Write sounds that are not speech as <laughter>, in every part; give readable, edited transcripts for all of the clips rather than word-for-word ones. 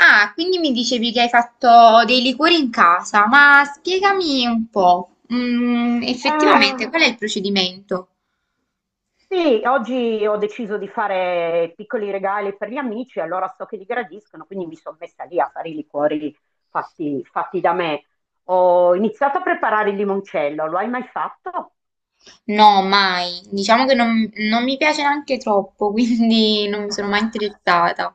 Ah, quindi mi dicevi che hai fatto dei liquori in casa, ma spiegami un po', effettivamente qual è Eh, il procedimento? sì, oggi ho deciso di fare piccoli regali per gli amici, allora so che li gradiscono, quindi mi sono messa lì a fare i liquori fatti, fatti da me. Ho iniziato a preparare il limoncello, lo hai mai fatto? No, mai. Diciamo che non mi piace neanche troppo, <laughs> quindi non mi sono mai <laughs> interessata.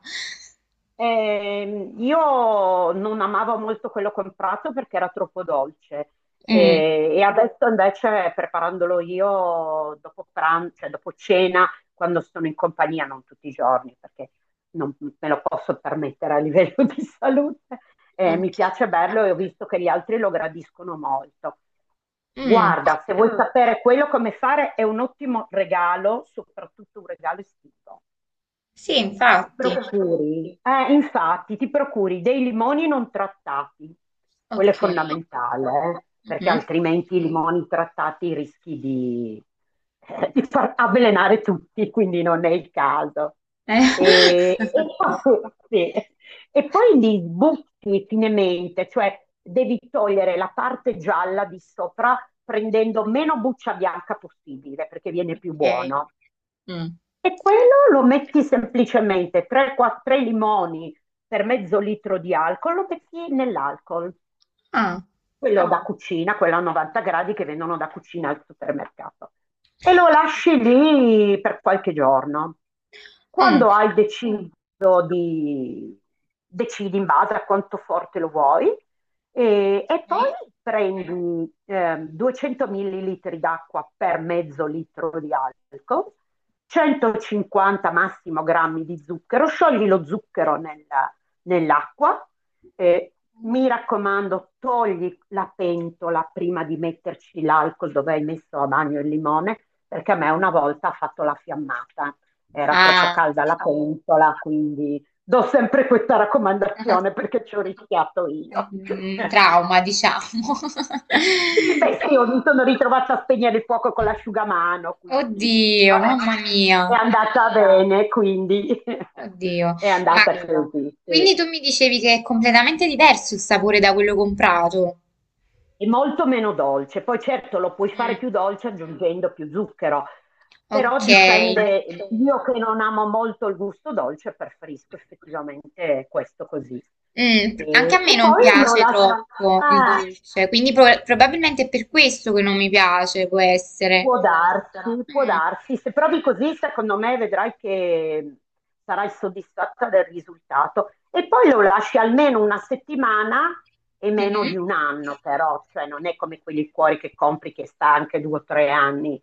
Io non amavo molto quello comprato perché era troppo dolce Mm, e adesso invece preparandolo io dopo pranzo, cioè dopo cena, quando sono in compagnia, non tutti i giorni perché non me lo posso permettere a livello <laughs> di salute, mi ok. piace berlo e ho visto che gli altri lo gradiscono molto. Mm, Guarda, se vuoi sapere quello come fare, è un ottimo regalo, soprattutto un regalo estivo. sì, Ti infatti. procuri, infatti, ti procuri dei limoni non trattati, quello è Ok. fondamentale, perché Mhm. altrimenti i limoni trattati rischi di far avvelenare tutti, quindi non è il caso. Eh, E <laughs> poi, sì, e poi li butti finemente, cioè devi togliere la parte gialla di sopra prendendo meno buccia bianca possibile, perché viene più Ok. buono. Mm. E quello lo metti semplicemente 3-4 limoni per mezzo litro di alcol, lo metti nell'alcol Ah. quello da cucina, quello a 90 gradi che vendono da cucina al supermercato. E lo lasci lì per qualche giorno. Mm. Quando hai deciso di, decidi in base a quanto forte lo vuoi, e poi Ok. prendi 200 millilitri d'acqua per mezzo litro di alcol, 150 massimo grammi di zucchero, sciogli lo zucchero nell'acqua, eh, mi raccomando, togli la pentola prima di metterci l'alcol dove hai messo a bagno il limone, perché a me una volta ha fatto la fiammata, era troppo Ah. calda la pentola, quindi do sempre questa raccomandazione <laughs> perché ci ho rischiato io. <laughs> Mm, trauma, diciamo. Sì, beh, <laughs> sì, io mi sono ritrovata a spegnere il fuoco con l'asciugamano, quindi Oddio, vabbè, mamma mia, è andata bene, quindi oddio. <laughs> è Ma andata così, quindi sì. tu mi dicevi che è completamente diverso il sapore da quello comprato? È molto meno dolce. Poi certo lo puoi fare Mm, più dolce aggiungendo più zucchero, però ok. dipende. Io che non amo molto il gusto dolce, preferisco effettivamente questo così. Mm, anche a E, me e non poi lo piace lascio. troppo il Ah. dolce, quindi probabilmente è per questo che non mi piace, può essere. Può Sarà- darsi, può Mm, darsi. Se provi così, secondo me vedrai che sarai soddisfatta del risultato. E poi lo lasci almeno una settimana e meno mhm, di un anno, però, cioè non è come quei liquori che compri che sta anche due o tre anni.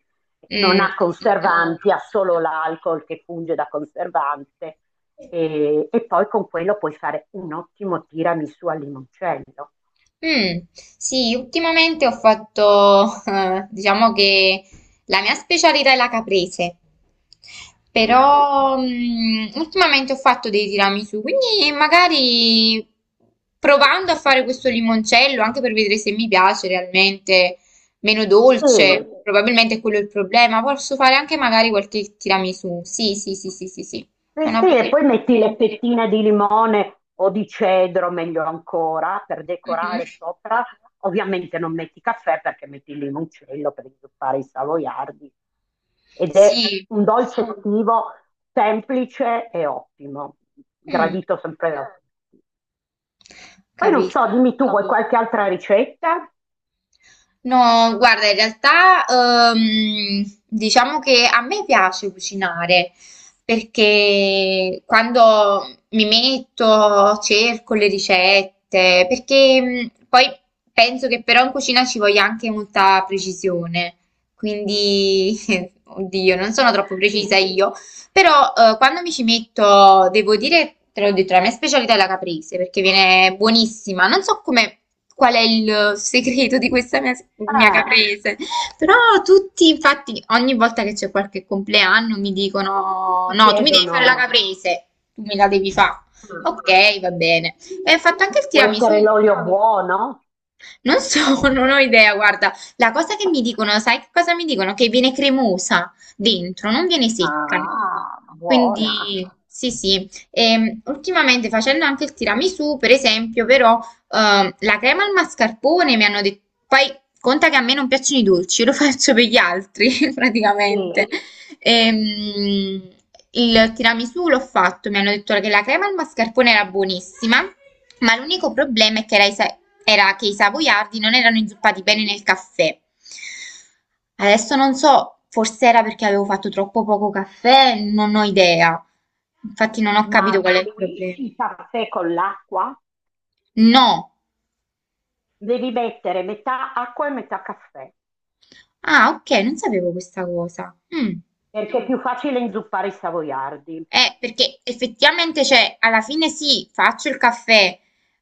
Non ha, mm, chiaro, mm, conservanti, ha solo l'alcol che funge da conservante. mm. E poi con quello puoi fare un ottimo tiramisù al limoncello. Mm, sì, ultimamente ho fatto, <laughs> diciamo che la mia specialità è la caprese, Oh. però ultimamente ho fatto dei tiramisù, quindi magari provando a fare questo limoncello, anche per vedere se mi piace realmente, meno Sì. dolce, probabilmente quello è il problema, posso fare anche magari qualche tiramisù, sì, sì, sì, sì, sì, sì, è Sì, una sì, buona e idea. poi metti le fettine di limone o di cedro, meglio ancora, per Mhm. decorare sopra. Ovviamente non metti caffè perché metti il limoncello per inzuppare i savoiardi. Ed è Sì, un dolce estivo semplice e ottimo, mm, gradito sempre da tutti. Poi non capisco. so, dimmi tu, vuoi qualche altra ricetta? No, guarda, in realtà diciamo che a me piace cucinare perché quando mi metto cerco le ricette, perché poi penso che però in cucina ci voglia anche molta precisione, quindi <laughs> oddio, non sono troppo precisa io, però quando mi ci metto, devo dire, te l'ho detto, la mia specialità è la caprese perché viene buonissima. Non so come, qual è il segreto di questa mia Ah, caprese, però tutti, infatti, ogni volta che c'è qualche compleanno mi dicono: ti No, tu mi devi chiedono, fare la caprese, tu me la devi fare. Ok, va bene. E ho fatto anche il può tiramisù. essere l'olio buono? Non so, <laughs> non ho idea, guarda, la cosa che mi dicono, sai che cosa mi dicono? Che viene cremosa dentro, non viene secca. Ah, buona. Quindi, sì, sì. Ultimamente facendo anche il tiramisù, per esempio, però, la crema al mascarpone mi hanno detto, poi conta che a me non piacciono i dolci, <laughs> io lo faccio per gli altri, <laughs> praticamente. Sì. Ehm, il tiramisù l'ho fatto, mi hanno detto che la crema al mascarpone era buonissima, ma l'unico problema è che era, era che i savoiardi non erano inzuppati bene nel caffè. Adesso non so, forse era perché avevo fatto troppo poco caffè, non ho idea. Infatti non ho Ma capito qual è il diluisci problema. il caffè con l'acqua, No. devi mettere metà acqua e metà caffè, Ah, ok, non sapevo questa cosa. Mm. perché è più facile inzuppare i savoiardi. Perché effettivamente, cioè, alla fine sì, faccio il caffè,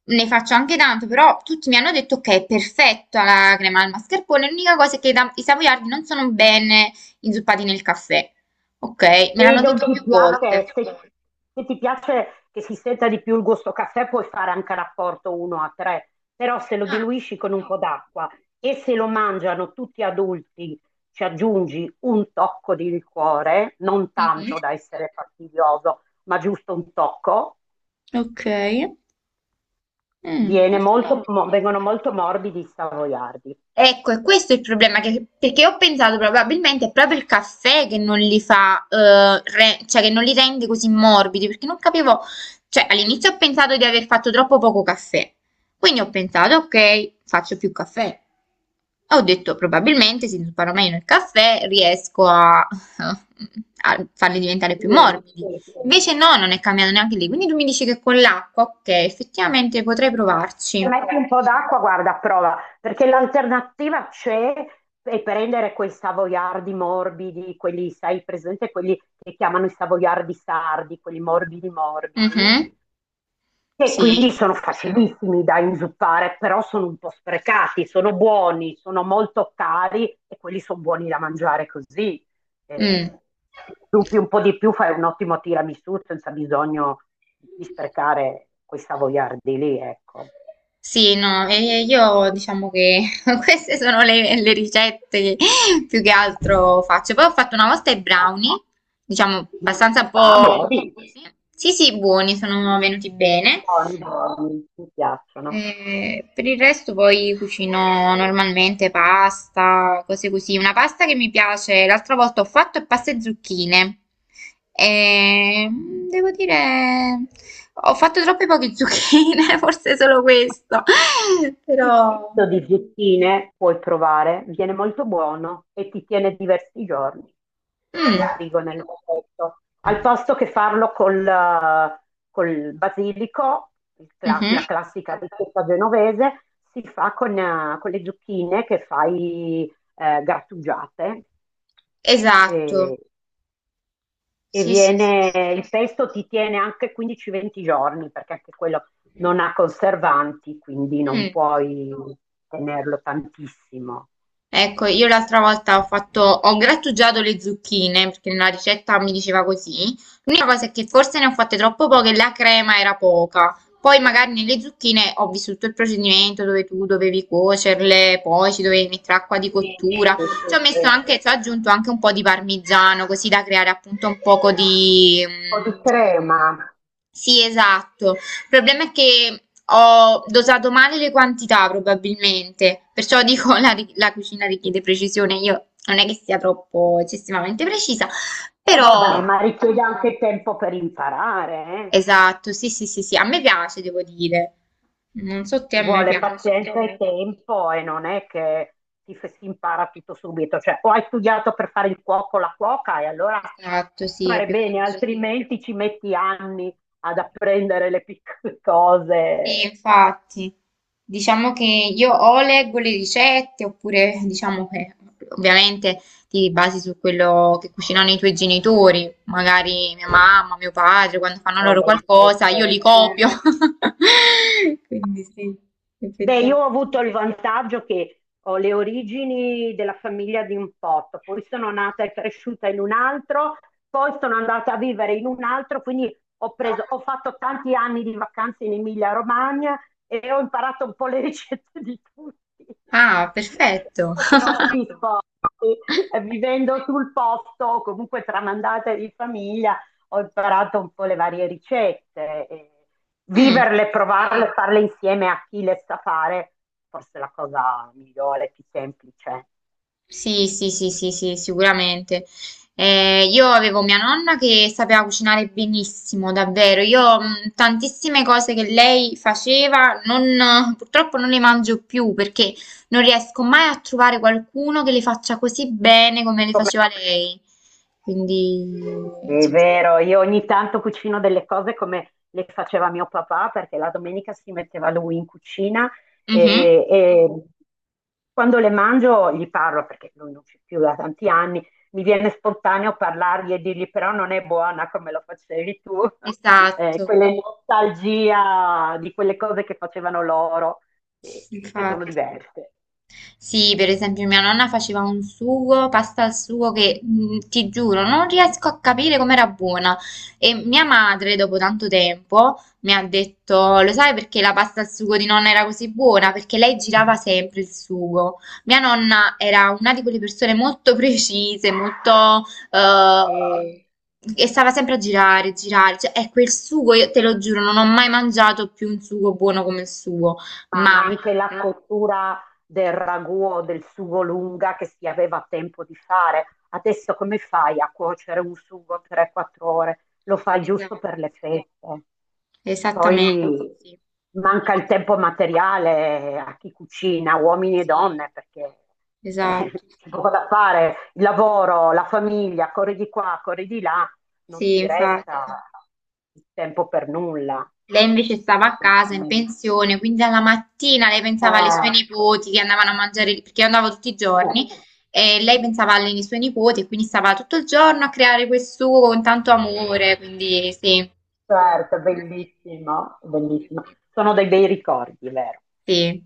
ne faccio anche tanto, però tutti mi hanno detto che è perfetta la crema al mascarpone, l'unica cosa è che i savoiardi non sono bene inzuppati nel caffè. Ok, me Se l'hanno non detto più ti volte. piace, se ti piace che si senta di più il gusto caffè, puoi fare anche rapporto 1 a 3, però se lo Ah, diluisci con un po' d'acqua e se lo mangiano tutti adulti, ci aggiungi un tocco di liquore, non mhm, tanto da essere fastidioso, ma giusto un tocco. ok. Mm, non Viene sapevo. molto, mo- vengono molto morbidi i savoiardi. Ecco, è questo è il problema, perché ho pensato probabilmente è proprio il caffè che non li fa, cioè che non li rende così morbidi, perché non capivo, cioè all'inizio ho pensato di aver fatto troppo poco caffè, quindi ho pensato, ok, faccio più caffè. Ho detto, probabilmente se imparo meno il caffè riesco a, a farli diventare più morbidi. Invece no, non è cambiato neanche lì, quindi tu mi dici che con l'acqua, ok, effettivamente potrei Se provarci. metti un po' d'acqua, guarda, a prova, perché l'alternativa c'è, è prendere quei savoiardi morbidi, quelli, sai, presente, quelli che chiamano i savoiardi sardi, quelli morbidi morbidi, Mhm, e quindi sì. sono facilissimi da inzuppare, però sono un po' sprecati, sono buoni, sono molto cari e quelli sono buoni da mangiare così. Eh, Mm. Se zuppi un po' di più, fai un ottimo tiramisù senza bisogno di sprecare quei savoiardi lì, ecco. Sì, no, e io diciamo che <laughs> queste sono le ricette che più che altro faccio. Poi ho fatto una volta i Ma, brownie, diciamo abbastanza un ma po'... buoni, Sì, sì, sì, buoni, sono venuti bene. buoni, buoni, mi piacciono. Per il resto poi cucino normalmente pasta, cose così. Una pasta che mi piace, l'altra volta ho fatto è pasta e zucchine. E devo dire, ho fatto troppe poche zucchine, <laughs> forse solo questo. <laughs> Il Però... pesto di zucchine puoi provare, viene molto buono e ti tiene diversi giorni Mm, in frigo nel vasetto. Al posto che farlo col basilico, il cla- mhm, la classica ricetta genovese, si fa con le zucchine che fai grattugiate. esatto. E e Sì, sì, sì. Sì. viene, il pesto ti tiene anche 15-20 giorni perché anche quello non ha conservanti, quindi non Mm. puoi tenerlo tantissimo. Ecco, io l'altra volta ho fatto, ho grattugiato le zucchine perché nella ricetta mi diceva così. L'unica cosa è che forse ne ho fatte troppo poche e la crema era poca. Poi magari nelle zucchine ho vissuto il procedimento dove tu dovevi cuocerle, poi ci dovevi mettere acqua di Sì, sì, cottura. sì, Ci sì. ho messo Un anche, ci ho aggiunto anche un po' di parmigiano così da creare appunto un poco di, po' mm, di crema. sì, esatto. Il problema è che ho dosato male le quantità, probabilmente. Perciò dico, la cucina richiede precisione. Io non è che sia troppo eccessivamente precisa, E vabbè, però ma richiede anche tempo per imparare, eh. esatto, sì, sì, sì, sì, a me piace, devo dire. Non so te, a me Vuole devo piace. pazienza e sapere. Tempo e non è che si impara tutto subito, cioè o hai studiato per fare il cuoco o la cuoca e allora Esatto, sì, è fare più bene, facile. altrimenti ci metti anni ad apprendere le piccole <laughs> Sì, cose infatti, diciamo che io o leggo le ricette oppure diciamo che ovviamente ti basi su quello che cucinano i tuoi genitori, magari mia mamma, mio padre, quando fanno o loro le qualcosa, ricette. io li copio. <laughs> Quindi sì, Beh, io ho effettivamente. avuto il vantaggio che ho le origini della famiglia poi sono nata e cresciuta in un altro, poi sono andata a vivere in un altro, quindi ho fatto tanti anni di vacanze in Emilia-Romagna e ho imparato un po' le <laughs> ricette di tutti. Ah, <laughs> perfetto. <laughs> Troppi sposti, vivendo sul posto, comunque tramandata di famiglia ho imparato un po' le varie ricette, e Mm. viverle, provarle, farle insieme a chi le sa fare, forse è la cosa migliore, più semplice. Sì, sì, sì, sì, sì, sicuramente. Io avevo mia nonna che sapeva cucinare benissimo, davvero. Io tantissime cose che lei faceva, purtroppo non le mangio più perché non riesco mai a trovare qualcuno che le faccia così bene come le Come faceva lei. Quindi, È sì. vero, io ogni tanto cucino delle cose come le faceva mio papà, perché la domenica si metteva lui in cucina Mhm. e quando le mangio gli parlo, perché lui non c'è più da tanti anni, mi viene spontaneo parlargli e dirgli però non è buona come lo facevi tu. <laughs> Esatto, quella nostalgia di quelle cose che facevano loro, che sono infatti. diverse. Sì, per esempio mia nonna faceva un sugo, pasta al sugo che ti giuro, non riesco a capire com'era buona. E mia madre, dopo tanto tempo, mi ha detto, lo sai perché la pasta al sugo di nonna era così buona? Perché lei girava sempre il sugo. Mia nonna era una di quelle persone molto <laughs> precise, molto... eh, e stava sempre a girare, girare. Cioè, ecco, il sugo, io te lo giuro, non ho mai mangiato più un sugo buono come il suo. Ma Mai. anche la cottura del ragù o del sugo lunga che si aveva tempo di fare. Adesso come fai a cuocere un sugo 3-4 ore? Lo fai giusto per Esatto. le feste. Esattamente, Poi sì, manca il tempo materiale a chi cucina, uomini e sì, donne, perché esatto, <laughs> c'è poco da fare, il lavoro, la famiglia, corri di qua, corri di là, non sì, ti infatti. resta il tempo per nulla, Lei invece stava a casa in assolutamente. pensione, quindi alla mattina lei pensava alle sue Eh, nipoti che andavano a mangiare, perché io andavo tutti i giorni, Eh, e lei pensava alle sue nipoti e quindi stava tutto il giorno a creare quel sugo con tanto amore, quindi sì. certo, bellissimo, Sì, bellissimo. Sono dei bei ricordi, vero? sì.